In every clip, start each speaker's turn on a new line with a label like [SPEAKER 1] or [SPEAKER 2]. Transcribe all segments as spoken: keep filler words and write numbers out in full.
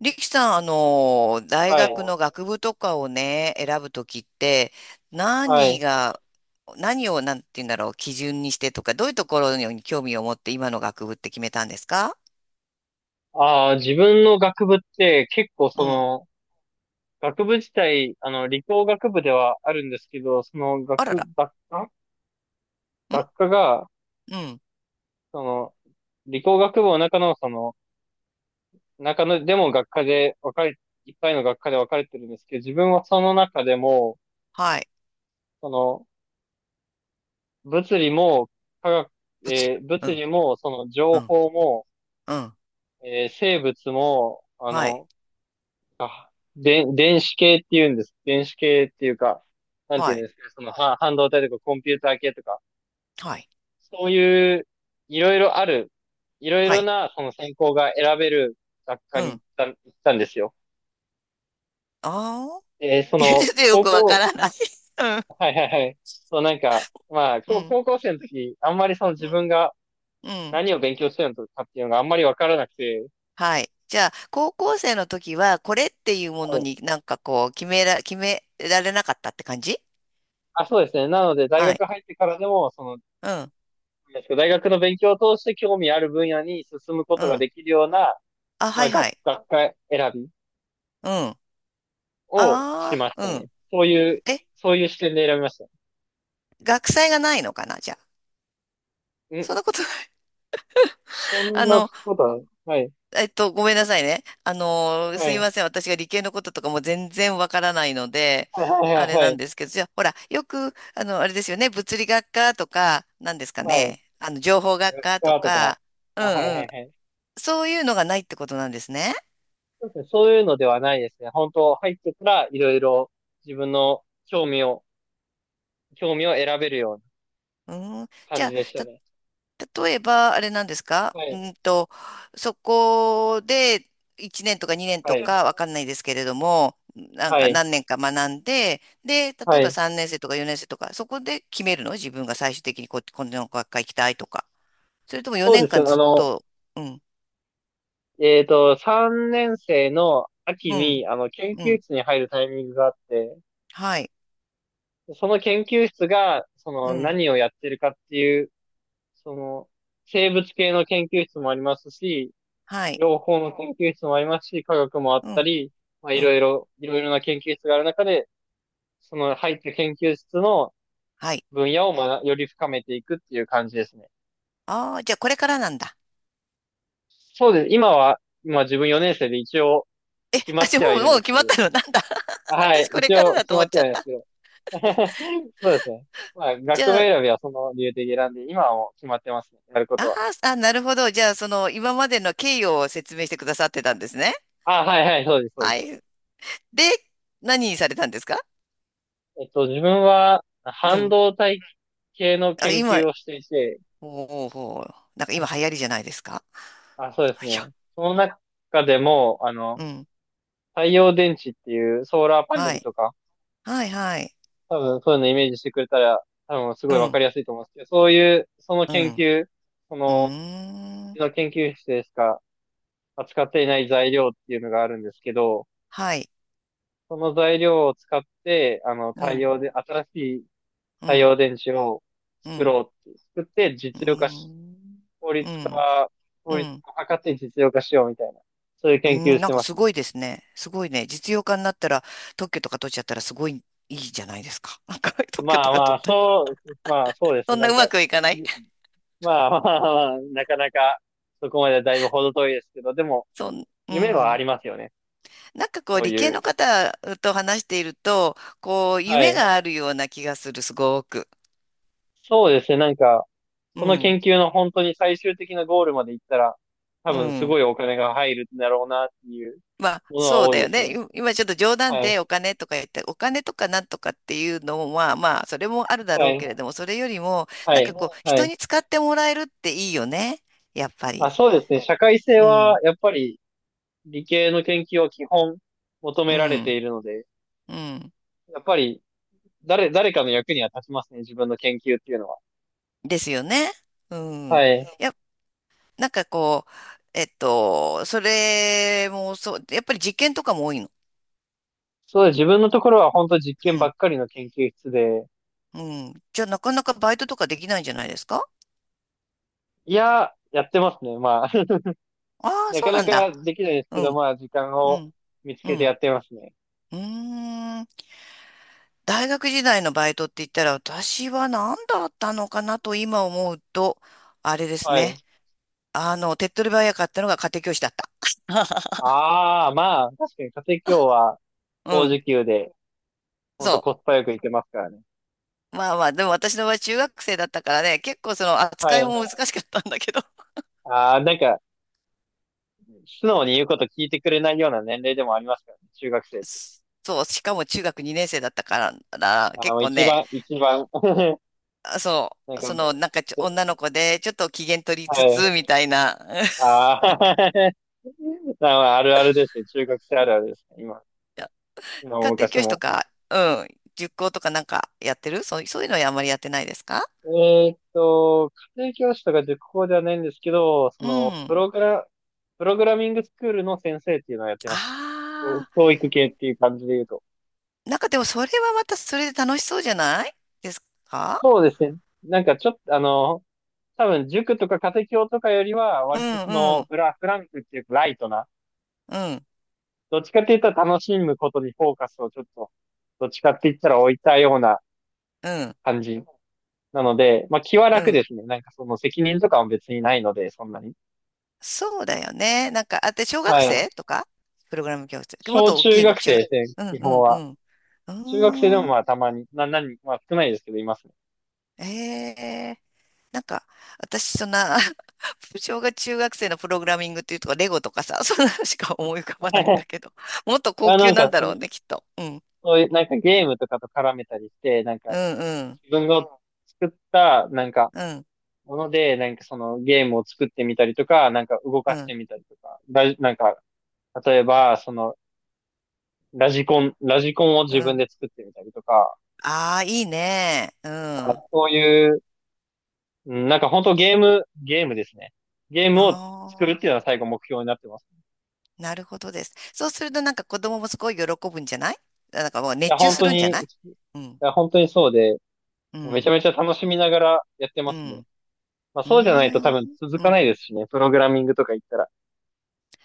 [SPEAKER 1] 力さん、あの、大
[SPEAKER 2] は
[SPEAKER 1] 学
[SPEAKER 2] い。
[SPEAKER 1] の学部とかをね、選ぶときって、
[SPEAKER 2] は
[SPEAKER 1] 何
[SPEAKER 2] い。
[SPEAKER 1] が、何を、なんて言うんだろう、基準にしてとか、どういうところに興味を持って今の学部って決めたんですか？
[SPEAKER 2] ああ、自分の学部って結構そ
[SPEAKER 1] うん。
[SPEAKER 2] の、学部自体、あの、理工学部ではあるんですけど、その
[SPEAKER 1] あら
[SPEAKER 2] 学、
[SPEAKER 1] ら。
[SPEAKER 2] 学科
[SPEAKER 1] ん？
[SPEAKER 2] 学科が、
[SPEAKER 1] うん。
[SPEAKER 2] その、理工学部の中の、その、中の、でも学科で分かれ、いっぱいの学科で分かれてるんですけど、自分はその中でも、
[SPEAKER 1] はい。
[SPEAKER 2] その、物理も、科学、
[SPEAKER 1] 物理。
[SPEAKER 2] えー
[SPEAKER 1] う
[SPEAKER 2] 物
[SPEAKER 1] ん。
[SPEAKER 2] 理も、その、情
[SPEAKER 1] うん。
[SPEAKER 2] 報も、
[SPEAKER 1] うん。
[SPEAKER 2] えー生物も、あ
[SPEAKER 1] はい。
[SPEAKER 2] の、あ、で、電子系っていうんです。電子系っていうか、なんてい
[SPEAKER 1] は
[SPEAKER 2] うん
[SPEAKER 1] い。
[SPEAKER 2] ですかね、その、は、半導体とかコンピューター系とか、
[SPEAKER 1] はい。
[SPEAKER 2] そういう、いろいろある、いろい
[SPEAKER 1] は
[SPEAKER 2] ろ
[SPEAKER 1] い。
[SPEAKER 2] な、その専攻が選べる学科
[SPEAKER 1] う
[SPEAKER 2] に行
[SPEAKER 1] ん。
[SPEAKER 2] った、行ったんですよ。
[SPEAKER 1] ああ。
[SPEAKER 2] で、そ
[SPEAKER 1] 言っ
[SPEAKER 2] の、
[SPEAKER 1] ててよく
[SPEAKER 2] 高
[SPEAKER 1] わか
[SPEAKER 2] 校、
[SPEAKER 1] らない。
[SPEAKER 2] はいはいはい。そう、なんか、まあ、
[SPEAKER 1] うん。う
[SPEAKER 2] 高
[SPEAKER 1] ん。
[SPEAKER 2] 高校生の時、あんまりその自分が
[SPEAKER 1] うん。うん。
[SPEAKER 2] 何を勉強してるのかっていうのがあんまりわからなくて、
[SPEAKER 1] はい。じゃあ、高校生の時は、これっていうも
[SPEAKER 2] は
[SPEAKER 1] の
[SPEAKER 2] い、
[SPEAKER 1] になんかこう、決めら、決められなかったって感じ？
[SPEAKER 2] あ、そうですね。なので、大
[SPEAKER 1] は
[SPEAKER 2] 学
[SPEAKER 1] い。
[SPEAKER 2] 入ってからでも、その
[SPEAKER 1] うん。
[SPEAKER 2] 大学の勉強を通して興味ある分野に進むこ
[SPEAKER 1] う
[SPEAKER 2] とが
[SPEAKER 1] ん。
[SPEAKER 2] できるような、
[SPEAKER 1] あ、
[SPEAKER 2] ま
[SPEAKER 1] は
[SPEAKER 2] あ、
[SPEAKER 1] いは
[SPEAKER 2] 学、
[SPEAKER 1] い。
[SPEAKER 2] 学科選び
[SPEAKER 1] うん。あ
[SPEAKER 2] をしま
[SPEAKER 1] あ、
[SPEAKER 2] し
[SPEAKER 1] う
[SPEAKER 2] た
[SPEAKER 1] ん。
[SPEAKER 2] ね。そういう、
[SPEAKER 1] え、
[SPEAKER 2] そういう視点で選びました。
[SPEAKER 1] 学祭がないのかな、じゃあ。そんな
[SPEAKER 2] ん、
[SPEAKER 1] ことない。
[SPEAKER 2] そ ん
[SPEAKER 1] あ
[SPEAKER 2] な
[SPEAKER 1] の、
[SPEAKER 2] ことは、はい、
[SPEAKER 1] えっと、ごめんなさいね。あの、
[SPEAKER 2] は
[SPEAKER 1] すい
[SPEAKER 2] い、
[SPEAKER 1] ません。私が理系のこととかも全然わからないので、
[SPEAKER 2] はい、は
[SPEAKER 1] あ
[SPEAKER 2] い、
[SPEAKER 1] れな
[SPEAKER 2] はい、
[SPEAKER 1] んですけど、じゃあ、ほら、よく、あの、あれですよね。物理学科とか、なんですか
[SPEAKER 2] はい、
[SPEAKER 1] ね。あの、情報学
[SPEAKER 2] 学
[SPEAKER 1] 科と
[SPEAKER 2] 科とか、
[SPEAKER 1] か、う
[SPEAKER 2] あ、はい、は
[SPEAKER 1] んうん。
[SPEAKER 2] い、はい。
[SPEAKER 1] そういうのがないってことなんですね。
[SPEAKER 2] そうですね、そういうのではないですね。本当、入ってからいろいろ自分の興味を、興味を選べるような
[SPEAKER 1] うん。じ
[SPEAKER 2] 感
[SPEAKER 1] ゃ
[SPEAKER 2] じ
[SPEAKER 1] あ、
[SPEAKER 2] でした
[SPEAKER 1] た、
[SPEAKER 2] ね。
[SPEAKER 1] 例えば、あれなんですか？
[SPEAKER 2] はい、
[SPEAKER 1] うんと、そこでいちねんとかにねん
[SPEAKER 2] は
[SPEAKER 1] と
[SPEAKER 2] い、
[SPEAKER 1] かわかんないですけれども、なん
[SPEAKER 2] は
[SPEAKER 1] か
[SPEAKER 2] い、
[SPEAKER 1] 何年か学んで、で、例え
[SPEAKER 2] は
[SPEAKER 1] ば
[SPEAKER 2] い。
[SPEAKER 1] さんねん生とかよねん生とか、そこで決めるの？自分が最終的にこ、この学科行きたいとか。それとも
[SPEAKER 2] そう
[SPEAKER 1] 4
[SPEAKER 2] です
[SPEAKER 1] 年
[SPEAKER 2] ね、
[SPEAKER 1] 間
[SPEAKER 2] あ
[SPEAKER 1] ずっ
[SPEAKER 2] の、
[SPEAKER 1] と、うん、
[SPEAKER 2] えっと、さんねん生の秋
[SPEAKER 1] うん、
[SPEAKER 2] に、あの、研
[SPEAKER 1] う
[SPEAKER 2] 究
[SPEAKER 1] ん、
[SPEAKER 2] 室に入るタイミングがあって、
[SPEAKER 1] はい、
[SPEAKER 2] その研究室が、そ
[SPEAKER 1] う
[SPEAKER 2] の、
[SPEAKER 1] ん、
[SPEAKER 2] 何をやってるかっていう、その、生物系の研究室もありますし、
[SPEAKER 1] はい、
[SPEAKER 2] 情報の研究室もありますし、科学もあっ
[SPEAKER 1] う
[SPEAKER 2] た
[SPEAKER 1] ん、
[SPEAKER 2] り、まあ、い
[SPEAKER 1] う
[SPEAKER 2] ろ
[SPEAKER 1] ん、
[SPEAKER 2] いろ、いろいろな研究室がある中で、その入った研究室の
[SPEAKER 1] はい。
[SPEAKER 2] 分野をまより深めていくっていう感じですね。
[SPEAKER 1] ああ、じゃあこれからなんだ。
[SPEAKER 2] そうです。今は、今自分よねん生で一応
[SPEAKER 1] え、
[SPEAKER 2] 決ま
[SPEAKER 1] あ、
[SPEAKER 2] っ
[SPEAKER 1] じゃあ
[SPEAKER 2] てはい
[SPEAKER 1] もう、
[SPEAKER 2] る
[SPEAKER 1] も
[SPEAKER 2] ん
[SPEAKER 1] う
[SPEAKER 2] です
[SPEAKER 1] 決
[SPEAKER 2] け
[SPEAKER 1] まっ
[SPEAKER 2] ど、
[SPEAKER 1] たの？ なんだ
[SPEAKER 2] はい、
[SPEAKER 1] 私これ
[SPEAKER 2] 一
[SPEAKER 1] から
[SPEAKER 2] 応
[SPEAKER 1] だ
[SPEAKER 2] 決
[SPEAKER 1] と
[SPEAKER 2] ま
[SPEAKER 1] 思っ
[SPEAKER 2] って
[SPEAKER 1] ちゃ
[SPEAKER 2] は
[SPEAKER 1] っ
[SPEAKER 2] いるんです
[SPEAKER 1] た。
[SPEAKER 2] けど、そうですね。まあ、
[SPEAKER 1] じ
[SPEAKER 2] 学部
[SPEAKER 1] ゃあ、
[SPEAKER 2] 選びはその理由的に選んで、今はもう決まってますね。やること
[SPEAKER 1] あ
[SPEAKER 2] は。
[SPEAKER 1] ーあ、なるほど。じゃあ、その、今までの経緯を説明してくださってたんですね。
[SPEAKER 2] あ、はいはい、そうです、そうです、
[SPEAKER 1] は
[SPEAKER 2] そうで
[SPEAKER 1] い。
[SPEAKER 2] す。
[SPEAKER 1] で、何にされたんですか？
[SPEAKER 2] えっと、自分は
[SPEAKER 1] う
[SPEAKER 2] 半
[SPEAKER 1] ん。
[SPEAKER 2] 導体系の
[SPEAKER 1] あ、
[SPEAKER 2] 研
[SPEAKER 1] 今、
[SPEAKER 2] 究をしていて、
[SPEAKER 1] ほうほうほう。なんか今流行りじゃないですか？
[SPEAKER 2] あ、そうで す
[SPEAKER 1] いや、
[SPEAKER 2] ね。その中でも、あの、
[SPEAKER 1] うん。
[SPEAKER 2] 太陽電池っていうソーラーパネ
[SPEAKER 1] は
[SPEAKER 2] ル
[SPEAKER 1] い。
[SPEAKER 2] とか、
[SPEAKER 1] はい、はい。
[SPEAKER 2] 多分そういうのイメージしてくれたら、多分す
[SPEAKER 1] う
[SPEAKER 2] ごいわか
[SPEAKER 1] ん、
[SPEAKER 2] りやすいと思うんですけど、そういう、その
[SPEAKER 1] う
[SPEAKER 2] 研
[SPEAKER 1] ん。
[SPEAKER 2] 究、そ
[SPEAKER 1] う
[SPEAKER 2] の、
[SPEAKER 1] ー
[SPEAKER 2] うち
[SPEAKER 1] ん。
[SPEAKER 2] の研究室でしか扱っていない材料っていうのがあるんですけど、
[SPEAKER 1] はい。
[SPEAKER 2] その材料を使って、あの、
[SPEAKER 1] う
[SPEAKER 2] 太
[SPEAKER 1] ん、
[SPEAKER 2] 陽で、新しい
[SPEAKER 1] う
[SPEAKER 2] 太
[SPEAKER 1] ん、
[SPEAKER 2] 陽電池を
[SPEAKER 1] う
[SPEAKER 2] 作
[SPEAKER 1] ん。
[SPEAKER 2] ろうって、作って
[SPEAKER 1] うー
[SPEAKER 2] 実用化し、
[SPEAKER 1] ん。
[SPEAKER 2] 効
[SPEAKER 1] う
[SPEAKER 2] 率
[SPEAKER 1] ん、
[SPEAKER 2] 化
[SPEAKER 1] う
[SPEAKER 2] 効率
[SPEAKER 1] ん。
[SPEAKER 2] 化を図って実用化しようみたいな、そういう
[SPEAKER 1] う
[SPEAKER 2] 研究
[SPEAKER 1] ん、
[SPEAKER 2] し
[SPEAKER 1] なん
[SPEAKER 2] て
[SPEAKER 1] か
[SPEAKER 2] ま
[SPEAKER 1] す
[SPEAKER 2] すね。
[SPEAKER 1] ごいですね。すごいね。実用化になったら、特許とか取っちゃったらすごいいいじゃないですか。なんか 特許
[SPEAKER 2] ま
[SPEAKER 1] と
[SPEAKER 2] あ
[SPEAKER 1] か
[SPEAKER 2] ま
[SPEAKER 1] 取
[SPEAKER 2] あ、
[SPEAKER 1] ったら。
[SPEAKER 2] そう、まあそうです
[SPEAKER 1] そ
[SPEAKER 2] ね。
[SPEAKER 1] ん
[SPEAKER 2] な
[SPEAKER 1] な
[SPEAKER 2] ん
[SPEAKER 1] う
[SPEAKER 2] か、
[SPEAKER 1] ま
[SPEAKER 2] ん
[SPEAKER 1] くいかない？
[SPEAKER 2] まあまあまあ、なかなかそこまでだいぶ程遠いですけど、でも、
[SPEAKER 1] そん、う
[SPEAKER 2] 夢はあ
[SPEAKER 1] ん。
[SPEAKER 2] りますよね。
[SPEAKER 1] なんかこう
[SPEAKER 2] そう
[SPEAKER 1] 理系
[SPEAKER 2] い
[SPEAKER 1] の
[SPEAKER 2] う。
[SPEAKER 1] 方と話していると、こう
[SPEAKER 2] は
[SPEAKER 1] 夢
[SPEAKER 2] い。
[SPEAKER 1] があるような気がする、すごく。
[SPEAKER 2] そうですね。なんか、
[SPEAKER 1] う
[SPEAKER 2] その
[SPEAKER 1] ん、
[SPEAKER 2] 研究の本当に最終的なゴールまで行ったら、多
[SPEAKER 1] う
[SPEAKER 2] 分すご
[SPEAKER 1] ん。
[SPEAKER 2] いお金が入るんだろうなっていう
[SPEAKER 1] まあ
[SPEAKER 2] ものは
[SPEAKER 1] そう
[SPEAKER 2] 多
[SPEAKER 1] だ
[SPEAKER 2] い
[SPEAKER 1] よ
[SPEAKER 2] ですね。
[SPEAKER 1] ね。い今ちょっと冗談
[SPEAKER 2] はい。
[SPEAKER 1] でお金とか言って、お金とかなんとかっていうのは、まあそれもあるだ
[SPEAKER 2] は
[SPEAKER 1] ろう
[SPEAKER 2] い。
[SPEAKER 1] けれども、それよりも、
[SPEAKER 2] は
[SPEAKER 1] なん
[SPEAKER 2] い。
[SPEAKER 1] かこう
[SPEAKER 2] はい。
[SPEAKER 1] 人に使ってもらえるっていいよね。やっぱ
[SPEAKER 2] あ、
[SPEAKER 1] り。
[SPEAKER 2] そうですね。社会性
[SPEAKER 1] う
[SPEAKER 2] は、
[SPEAKER 1] ん
[SPEAKER 2] やっぱり理系の研究は基本求
[SPEAKER 1] う
[SPEAKER 2] められて
[SPEAKER 1] ん、
[SPEAKER 2] いるので、
[SPEAKER 1] うん。
[SPEAKER 2] やっぱり誰、誰かの役には立ちますね。自分の研究っていうのは。
[SPEAKER 1] ですよね。うん。い
[SPEAKER 2] はい。
[SPEAKER 1] や、なんかこう、えっと、それもそう、やっぱり実験とかも多いの？
[SPEAKER 2] そうです。自分のところは本当実験
[SPEAKER 1] う
[SPEAKER 2] ば
[SPEAKER 1] ん、
[SPEAKER 2] っかりの研究室で、
[SPEAKER 1] うん。じゃあなかなかバイトとかできないんじゃないですか？
[SPEAKER 2] いや、やってますね。まあ
[SPEAKER 1] ああー、
[SPEAKER 2] な
[SPEAKER 1] そ
[SPEAKER 2] か
[SPEAKER 1] うな
[SPEAKER 2] な
[SPEAKER 1] ん
[SPEAKER 2] か
[SPEAKER 1] だ。
[SPEAKER 2] できないですけ
[SPEAKER 1] う
[SPEAKER 2] ど、
[SPEAKER 1] ん、
[SPEAKER 2] まあ、時間
[SPEAKER 1] う
[SPEAKER 2] を
[SPEAKER 1] ん、
[SPEAKER 2] 見つ
[SPEAKER 1] う
[SPEAKER 2] けてや
[SPEAKER 1] ん。
[SPEAKER 2] ってますね。
[SPEAKER 1] うーん。大学時代のバイトって言ったら、私は何だったのかなと今思うと、あれです
[SPEAKER 2] はい。
[SPEAKER 1] ね。あの、手っ取り早かったのが家庭教師だった。
[SPEAKER 2] ああ、まあ、確かに家庭教は
[SPEAKER 1] う
[SPEAKER 2] 高
[SPEAKER 1] ん。
[SPEAKER 2] 時給で、ほん
[SPEAKER 1] そ
[SPEAKER 2] とコス
[SPEAKER 1] う。
[SPEAKER 2] パよくいけますからね。
[SPEAKER 1] まあまあ、でも私の場合中学生だったからね、結構その
[SPEAKER 2] は
[SPEAKER 1] 扱い
[SPEAKER 2] い。
[SPEAKER 1] も難しかったんだけど、
[SPEAKER 2] ああ、なんか、素直に言うこと聞いてくれないような年齢でもありますからね、中学生って。
[SPEAKER 1] そう、しかも中学にねん生だったからな、
[SPEAKER 2] あ
[SPEAKER 1] 結
[SPEAKER 2] の、
[SPEAKER 1] 構
[SPEAKER 2] 一
[SPEAKER 1] ね、
[SPEAKER 2] 番、一番、
[SPEAKER 1] あそ
[SPEAKER 2] なん
[SPEAKER 1] う、そ
[SPEAKER 2] か、
[SPEAKER 1] のなんかちょ
[SPEAKER 2] で
[SPEAKER 1] 女の子でちょっと機嫌取り
[SPEAKER 2] は
[SPEAKER 1] つつ
[SPEAKER 2] い。
[SPEAKER 1] みたいな、
[SPEAKER 2] ああ、まああるあるですね。中学生あるあるですね。今、
[SPEAKER 1] いや、
[SPEAKER 2] 今も
[SPEAKER 1] 家庭
[SPEAKER 2] 昔
[SPEAKER 1] 教師と
[SPEAKER 2] も。
[SPEAKER 1] か、うん、塾講とかなんかやってるそう、そういうのはあんまりやってないですか？
[SPEAKER 2] えーっと、家庭教師とか塾講ではないんですけど、そ
[SPEAKER 1] う
[SPEAKER 2] の、プ
[SPEAKER 1] ん。
[SPEAKER 2] ログラ、プログラミングスクールの先生っていうのをやってます。
[SPEAKER 1] あ
[SPEAKER 2] 教教育系っていう感じで言うと。
[SPEAKER 1] あ、なんかでもそれはまたそれで楽しそうじゃないですか？
[SPEAKER 2] そうですね。なんかちょっと、あの、多分塾とか家庭教とかよりは、
[SPEAKER 1] うん
[SPEAKER 2] 割とそ
[SPEAKER 1] う
[SPEAKER 2] の、
[SPEAKER 1] ん、
[SPEAKER 2] フラ、フランクっていうかライトな、
[SPEAKER 1] うん、
[SPEAKER 2] どっちかって言ったら楽しむことにフォーカスをちょっと、どっちかって言ったら置いたような
[SPEAKER 1] うん、
[SPEAKER 2] 感じなので、まあ気は
[SPEAKER 1] う
[SPEAKER 2] 楽
[SPEAKER 1] ん。
[SPEAKER 2] ですね。なんかその責任とかも別にないので、そんなに。
[SPEAKER 1] そうだよね。なんか、あ、で、小
[SPEAKER 2] は
[SPEAKER 1] 学
[SPEAKER 2] い。
[SPEAKER 1] 生とかプログラム教室。もっ
[SPEAKER 2] 小
[SPEAKER 1] と大
[SPEAKER 2] 中
[SPEAKER 1] きい
[SPEAKER 2] 学
[SPEAKER 1] の、中
[SPEAKER 2] 生
[SPEAKER 1] 学。
[SPEAKER 2] ですね、
[SPEAKER 1] うん
[SPEAKER 2] 基
[SPEAKER 1] う
[SPEAKER 2] 本
[SPEAKER 1] んう
[SPEAKER 2] は。
[SPEAKER 1] ん。う
[SPEAKER 2] 中学生で
[SPEAKER 1] ー
[SPEAKER 2] も
[SPEAKER 1] ん。
[SPEAKER 2] まあたまに、な、何まあ少ないですけど、いますね。
[SPEAKER 1] ええ、なんか、私、そんな、小学、中学生のプログラミングっていうとか、レゴとかさ、そんなのしか思い浮かばないんだ けど、もっと高
[SPEAKER 2] あ、
[SPEAKER 1] 級
[SPEAKER 2] なん
[SPEAKER 1] なん
[SPEAKER 2] か
[SPEAKER 1] だろう
[SPEAKER 2] そ、
[SPEAKER 1] ね、きっと。うん。
[SPEAKER 2] そういう、なんかゲームとかと絡めたりして、なん
[SPEAKER 1] う
[SPEAKER 2] か
[SPEAKER 1] んうん。
[SPEAKER 2] 自分が作った、なんか、
[SPEAKER 1] うん。
[SPEAKER 2] もので、なんかそのゲームを作ってみたりとか、なんか動
[SPEAKER 1] う
[SPEAKER 2] かして
[SPEAKER 1] ん。
[SPEAKER 2] みたりとか、ラジ、なんか、例えば、その、ラジコン、ラジコンを
[SPEAKER 1] う
[SPEAKER 2] 自分
[SPEAKER 1] ん。
[SPEAKER 2] で作ってみたりとか、
[SPEAKER 1] ああ、いいね。うん。あ
[SPEAKER 2] そういう、うんなんか本当ゲーム、ゲームですね。ゲームを作る
[SPEAKER 1] あ、
[SPEAKER 2] っていうのは最後目標になってます。
[SPEAKER 1] なるほどです。そうすると、なんか子供もすごい喜ぶんじゃない？なんかもう
[SPEAKER 2] いや、
[SPEAKER 1] 熱中
[SPEAKER 2] 本
[SPEAKER 1] す
[SPEAKER 2] 当
[SPEAKER 1] るんじゃ
[SPEAKER 2] に、い
[SPEAKER 1] ない？うん。
[SPEAKER 2] や、本当にそうで、
[SPEAKER 1] う
[SPEAKER 2] めちゃ
[SPEAKER 1] ん。
[SPEAKER 2] めちゃ楽しみながらやって
[SPEAKER 1] う
[SPEAKER 2] ますね。
[SPEAKER 1] ん。
[SPEAKER 2] まあ、
[SPEAKER 1] うー
[SPEAKER 2] そうじゃないと多分
[SPEAKER 1] ん。
[SPEAKER 2] 続
[SPEAKER 1] う
[SPEAKER 2] か
[SPEAKER 1] ん。
[SPEAKER 2] ないですしね。プログラミングとか言ったら。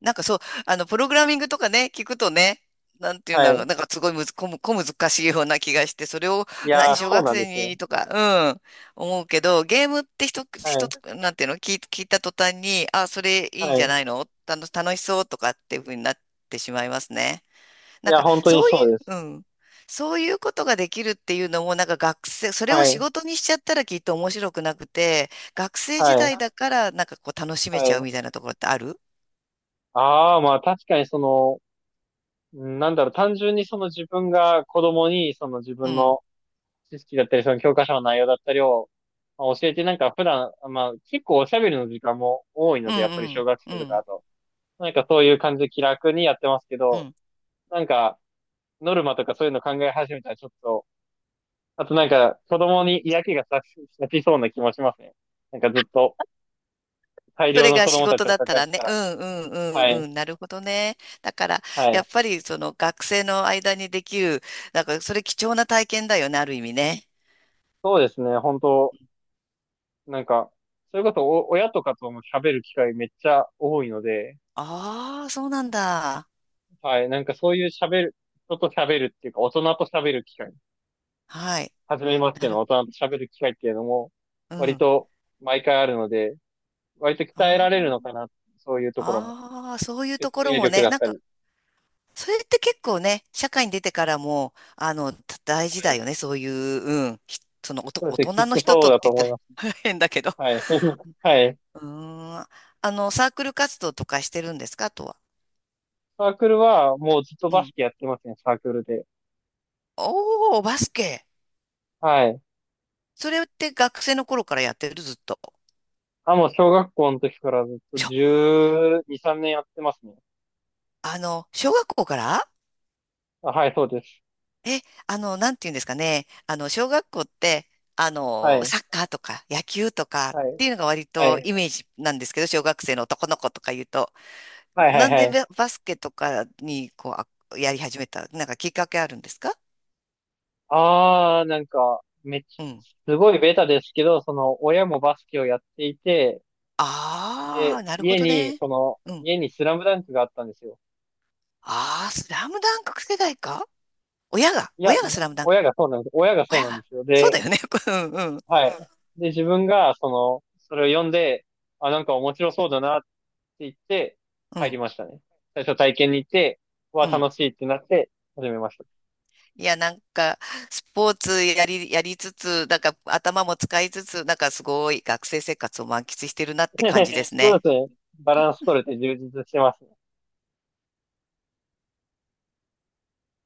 [SPEAKER 1] なんかそう、あの、プログラミングとかね、聞くとね、なんていうん
[SPEAKER 2] は
[SPEAKER 1] だろ
[SPEAKER 2] い。
[SPEAKER 1] う、なんかすごいむず、こむ、小難しいような気がして、それを、
[SPEAKER 2] いや
[SPEAKER 1] 何、
[SPEAKER 2] ー、
[SPEAKER 1] 小
[SPEAKER 2] そう
[SPEAKER 1] 学
[SPEAKER 2] なんで
[SPEAKER 1] 生
[SPEAKER 2] すよ。
[SPEAKER 1] にとか、うん、思うけど、ゲームって一つ、
[SPEAKER 2] は
[SPEAKER 1] 一
[SPEAKER 2] い。
[SPEAKER 1] つ、なんていうの、聞い、聞いた途端に、あ、それいいん
[SPEAKER 2] は
[SPEAKER 1] じゃ
[SPEAKER 2] い。
[SPEAKER 1] ないの？楽、楽しそうとかっていうふうになってしまいますね。
[SPEAKER 2] い
[SPEAKER 1] なん
[SPEAKER 2] や、
[SPEAKER 1] か、
[SPEAKER 2] 本当に
[SPEAKER 1] そうい
[SPEAKER 2] そうで
[SPEAKER 1] う、
[SPEAKER 2] す。
[SPEAKER 1] うん。そういうことができるっていうのも、なんか学生、それを
[SPEAKER 2] は
[SPEAKER 1] 仕
[SPEAKER 2] い。
[SPEAKER 1] 事にしちゃったらきっと面白くなくて、学生時
[SPEAKER 2] は
[SPEAKER 1] 代だ
[SPEAKER 2] い。
[SPEAKER 1] から、なんかこう楽しめ
[SPEAKER 2] は
[SPEAKER 1] ちゃうみ
[SPEAKER 2] い。
[SPEAKER 1] たいなところってある？
[SPEAKER 2] ああ、まあ確かにその、うんなんだろう、単純にその自分が子供にその自
[SPEAKER 1] う
[SPEAKER 2] 分
[SPEAKER 1] ん。
[SPEAKER 2] の知識だったり、その教科書の内容だったりを、まあ、教えてなんか普段、まあ結構おしゃべりの時間も多いの
[SPEAKER 1] うん
[SPEAKER 2] で、やっぱり
[SPEAKER 1] う
[SPEAKER 2] 小
[SPEAKER 1] ん。
[SPEAKER 2] 学
[SPEAKER 1] う
[SPEAKER 2] 生とか
[SPEAKER 1] ん。
[SPEAKER 2] だと。なんかそういう感じで気楽にやってますけ
[SPEAKER 1] う
[SPEAKER 2] ど、
[SPEAKER 1] ん。
[SPEAKER 2] なんか、ノルマとかそういうの考え始めたらちょっと、あとなんか、子供に嫌気がさし、さしそうな気もしますね。なんかずっと、大
[SPEAKER 1] そ
[SPEAKER 2] 量
[SPEAKER 1] れ
[SPEAKER 2] の
[SPEAKER 1] が
[SPEAKER 2] 子
[SPEAKER 1] 仕
[SPEAKER 2] 供た
[SPEAKER 1] 事
[SPEAKER 2] ちを
[SPEAKER 1] だった
[SPEAKER 2] 抱え
[SPEAKER 1] ら
[SPEAKER 2] て
[SPEAKER 1] ね。
[SPEAKER 2] た
[SPEAKER 1] う
[SPEAKER 2] ら。
[SPEAKER 1] んうんう
[SPEAKER 2] は
[SPEAKER 1] ん
[SPEAKER 2] い。
[SPEAKER 1] うん。なるほどね。だから、
[SPEAKER 2] は
[SPEAKER 1] や
[SPEAKER 2] い。
[SPEAKER 1] っぱりその学生の間にできる、なんかそれ貴重な体験だよね、ある意味ね。
[SPEAKER 2] そうですね。本当なんか、それこそお、親とかとも喋る機会めっちゃ多いので、
[SPEAKER 1] ああ、そうなんだ。
[SPEAKER 2] はい。なんかそういう喋る、人と喋るっていうか、大人と喋る機会、
[SPEAKER 1] はい。
[SPEAKER 2] 初めまし
[SPEAKER 1] な
[SPEAKER 2] ての
[SPEAKER 1] る、
[SPEAKER 2] 大人と喋る機会っていうのも、
[SPEAKER 1] う
[SPEAKER 2] 割
[SPEAKER 1] ん。
[SPEAKER 2] と毎回あるので、割と鍛えら
[SPEAKER 1] あ
[SPEAKER 2] れるのか
[SPEAKER 1] あ。
[SPEAKER 2] な。そういうところも。
[SPEAKER 1] ああ、そういうと
[SPEAKER 2] 説
[SPEAKER 1] ころ
[SPEAKER 2] 明
[SPEAKER 1] も
[SPEAKER 2] 力
[SPEAKER 1] ね、
[SPEAKER 2] だっ
[SPEAKER 1] なん
[SPEAKER 2] た
[SPEAKER 1] か、
[SPEAKER 2] り。
[SPEAKER 1] それって結構ね、社会に出てからも、あの、た大
[SPEAKER 2] は
[SPEAKER 1] 事だ
[SPEAKER 2] い。
[SPEAKER 1] よね、そういう、うん、ひその、おと、
[SPEAKER 2] そうです
[SPEAKER 1] 大
[SPEAKER 2] ね。
[SPEAKER 1] 人
[SPEAKER 2] きっ
[SPEAKER 1] の
[SPEAKER 2] と
[SPEAKER 1] 人
[SPEAKER 2] そ
[SPEAKER 1] と
[SPEAKER 2] う
[SPEAKER 1] って
[SPEAKER 2] だと
[SPEAKER 1] 言った
[SPEAKER 2] 思います。
[SPEAKER 1] ら 変だけど。
[SPEAKER 2] はい。はい。
[SPEAKER 1] うーん、あの、サークル活動とかしてるんですか、あとは。
[SPEAKER 2] サークルはもうずっと
[SPEAKER 1] う
[SPEAKER 2] バス
[SPEAKER 1] ん。
[SPEAKER 2] ケやってますね、サークルで。
[SPEAKER 1] おー、バスケ。
[SPEAKER 2] はい。
[SPEAKER 1] それって学生の頃からやってる、ずっと。
[SPEAKER 2] あ、もう小学校の時からずっと
[SPEAKER 1] しょ、
[SPEAKER 2] じゅうに、さんねんやってますね。
[SPEAKER 1] あの、小学校から？
[SPEAKER 2] あ、はい、そうです。
[SPEAKER 1] え、あの、なんていうんですかね。あの、小学校って、あ
[SPEAKER 2] は
[SPEAKER 1] の、
[SPEAKER 2] い。
[SPEAKER 1] サッカーとか野球とかっ
[SPEAKER 2] はい。
[SPEAKER 1] ていうのが割
[SPEAKER 2] は
[SPEAKER 1] と
[SPEAKER 2] い。
[SPEAKER 1] イメージなんですけど、小学生の男の子とか言うと、
[SPEAKER 2] はいは
[SPEAKER 1] な
[SPEAKER 2] い
[SPEAKER 1] んで
[SPEAKER 2] はい。
[SPEAKER 1] ババスケとかに、こう、あやり始めた、なんかきっかけあるんですか？
[SPEAKER 2] あー、なんか、めっちゃ、
[SPEAKER 1] うん。
[SPEAKER 2] すごいベタですけど、その、親もバスケをやっていて、
[SPEAKER 1] あ
[SPEAKER 2] で、
[SPEAKER 1] あ、なるほ
[SPEAKER 2] 家
[SPEAKER 1] ど
[SPEAKER 2] に、
[SPEAKER 1] ね。
[SPEAKER 2] その、
[SPEAKER 1] うん。
[SPEAKER 2] 家にスラムダンクがあったんですよ。
[SPEAKER 1] ああ、スラムダンク世代か？親が、
[SPEAKER 2] いや、
[SPEAKER 1] 親がスラムダンク。
[SPEAKER 2] 親がそうなんです。親がそう
[SPEAKER 1] 親
[SPEAKER 2] なんで
[SPEAKER 1] が。
[SPEAKER 2] すよ。
[SPEAKER 1] そう
[SPEAKER 2] で、
[SPEAKER 1] だよね。うん、うん、
[SPEAKER 2] はい。で、自分が、その、それを読んで、あ、なんか面白そうだなって言って、
[SPEAKER 1] う
[SPEAKER 2] 入り
[SPEAKER 1] ん、
[SPEAKER 2] ましたね。最初体験に行って、わ、
[SPEAKER 1] うん。
[SPEAKER 2] 楽しいってなって、始めました。
[SPEAKER 1] いや、なんか、スポーツやり、やりつつ、なんか頭も使いつつ、なんかすごい学生生活を満喫してるなって感じで す
[SPEAKER 2] そう
[SPEAKER 1] ね。
[SPEAKER 2] ですね。バランス取れて充実してますね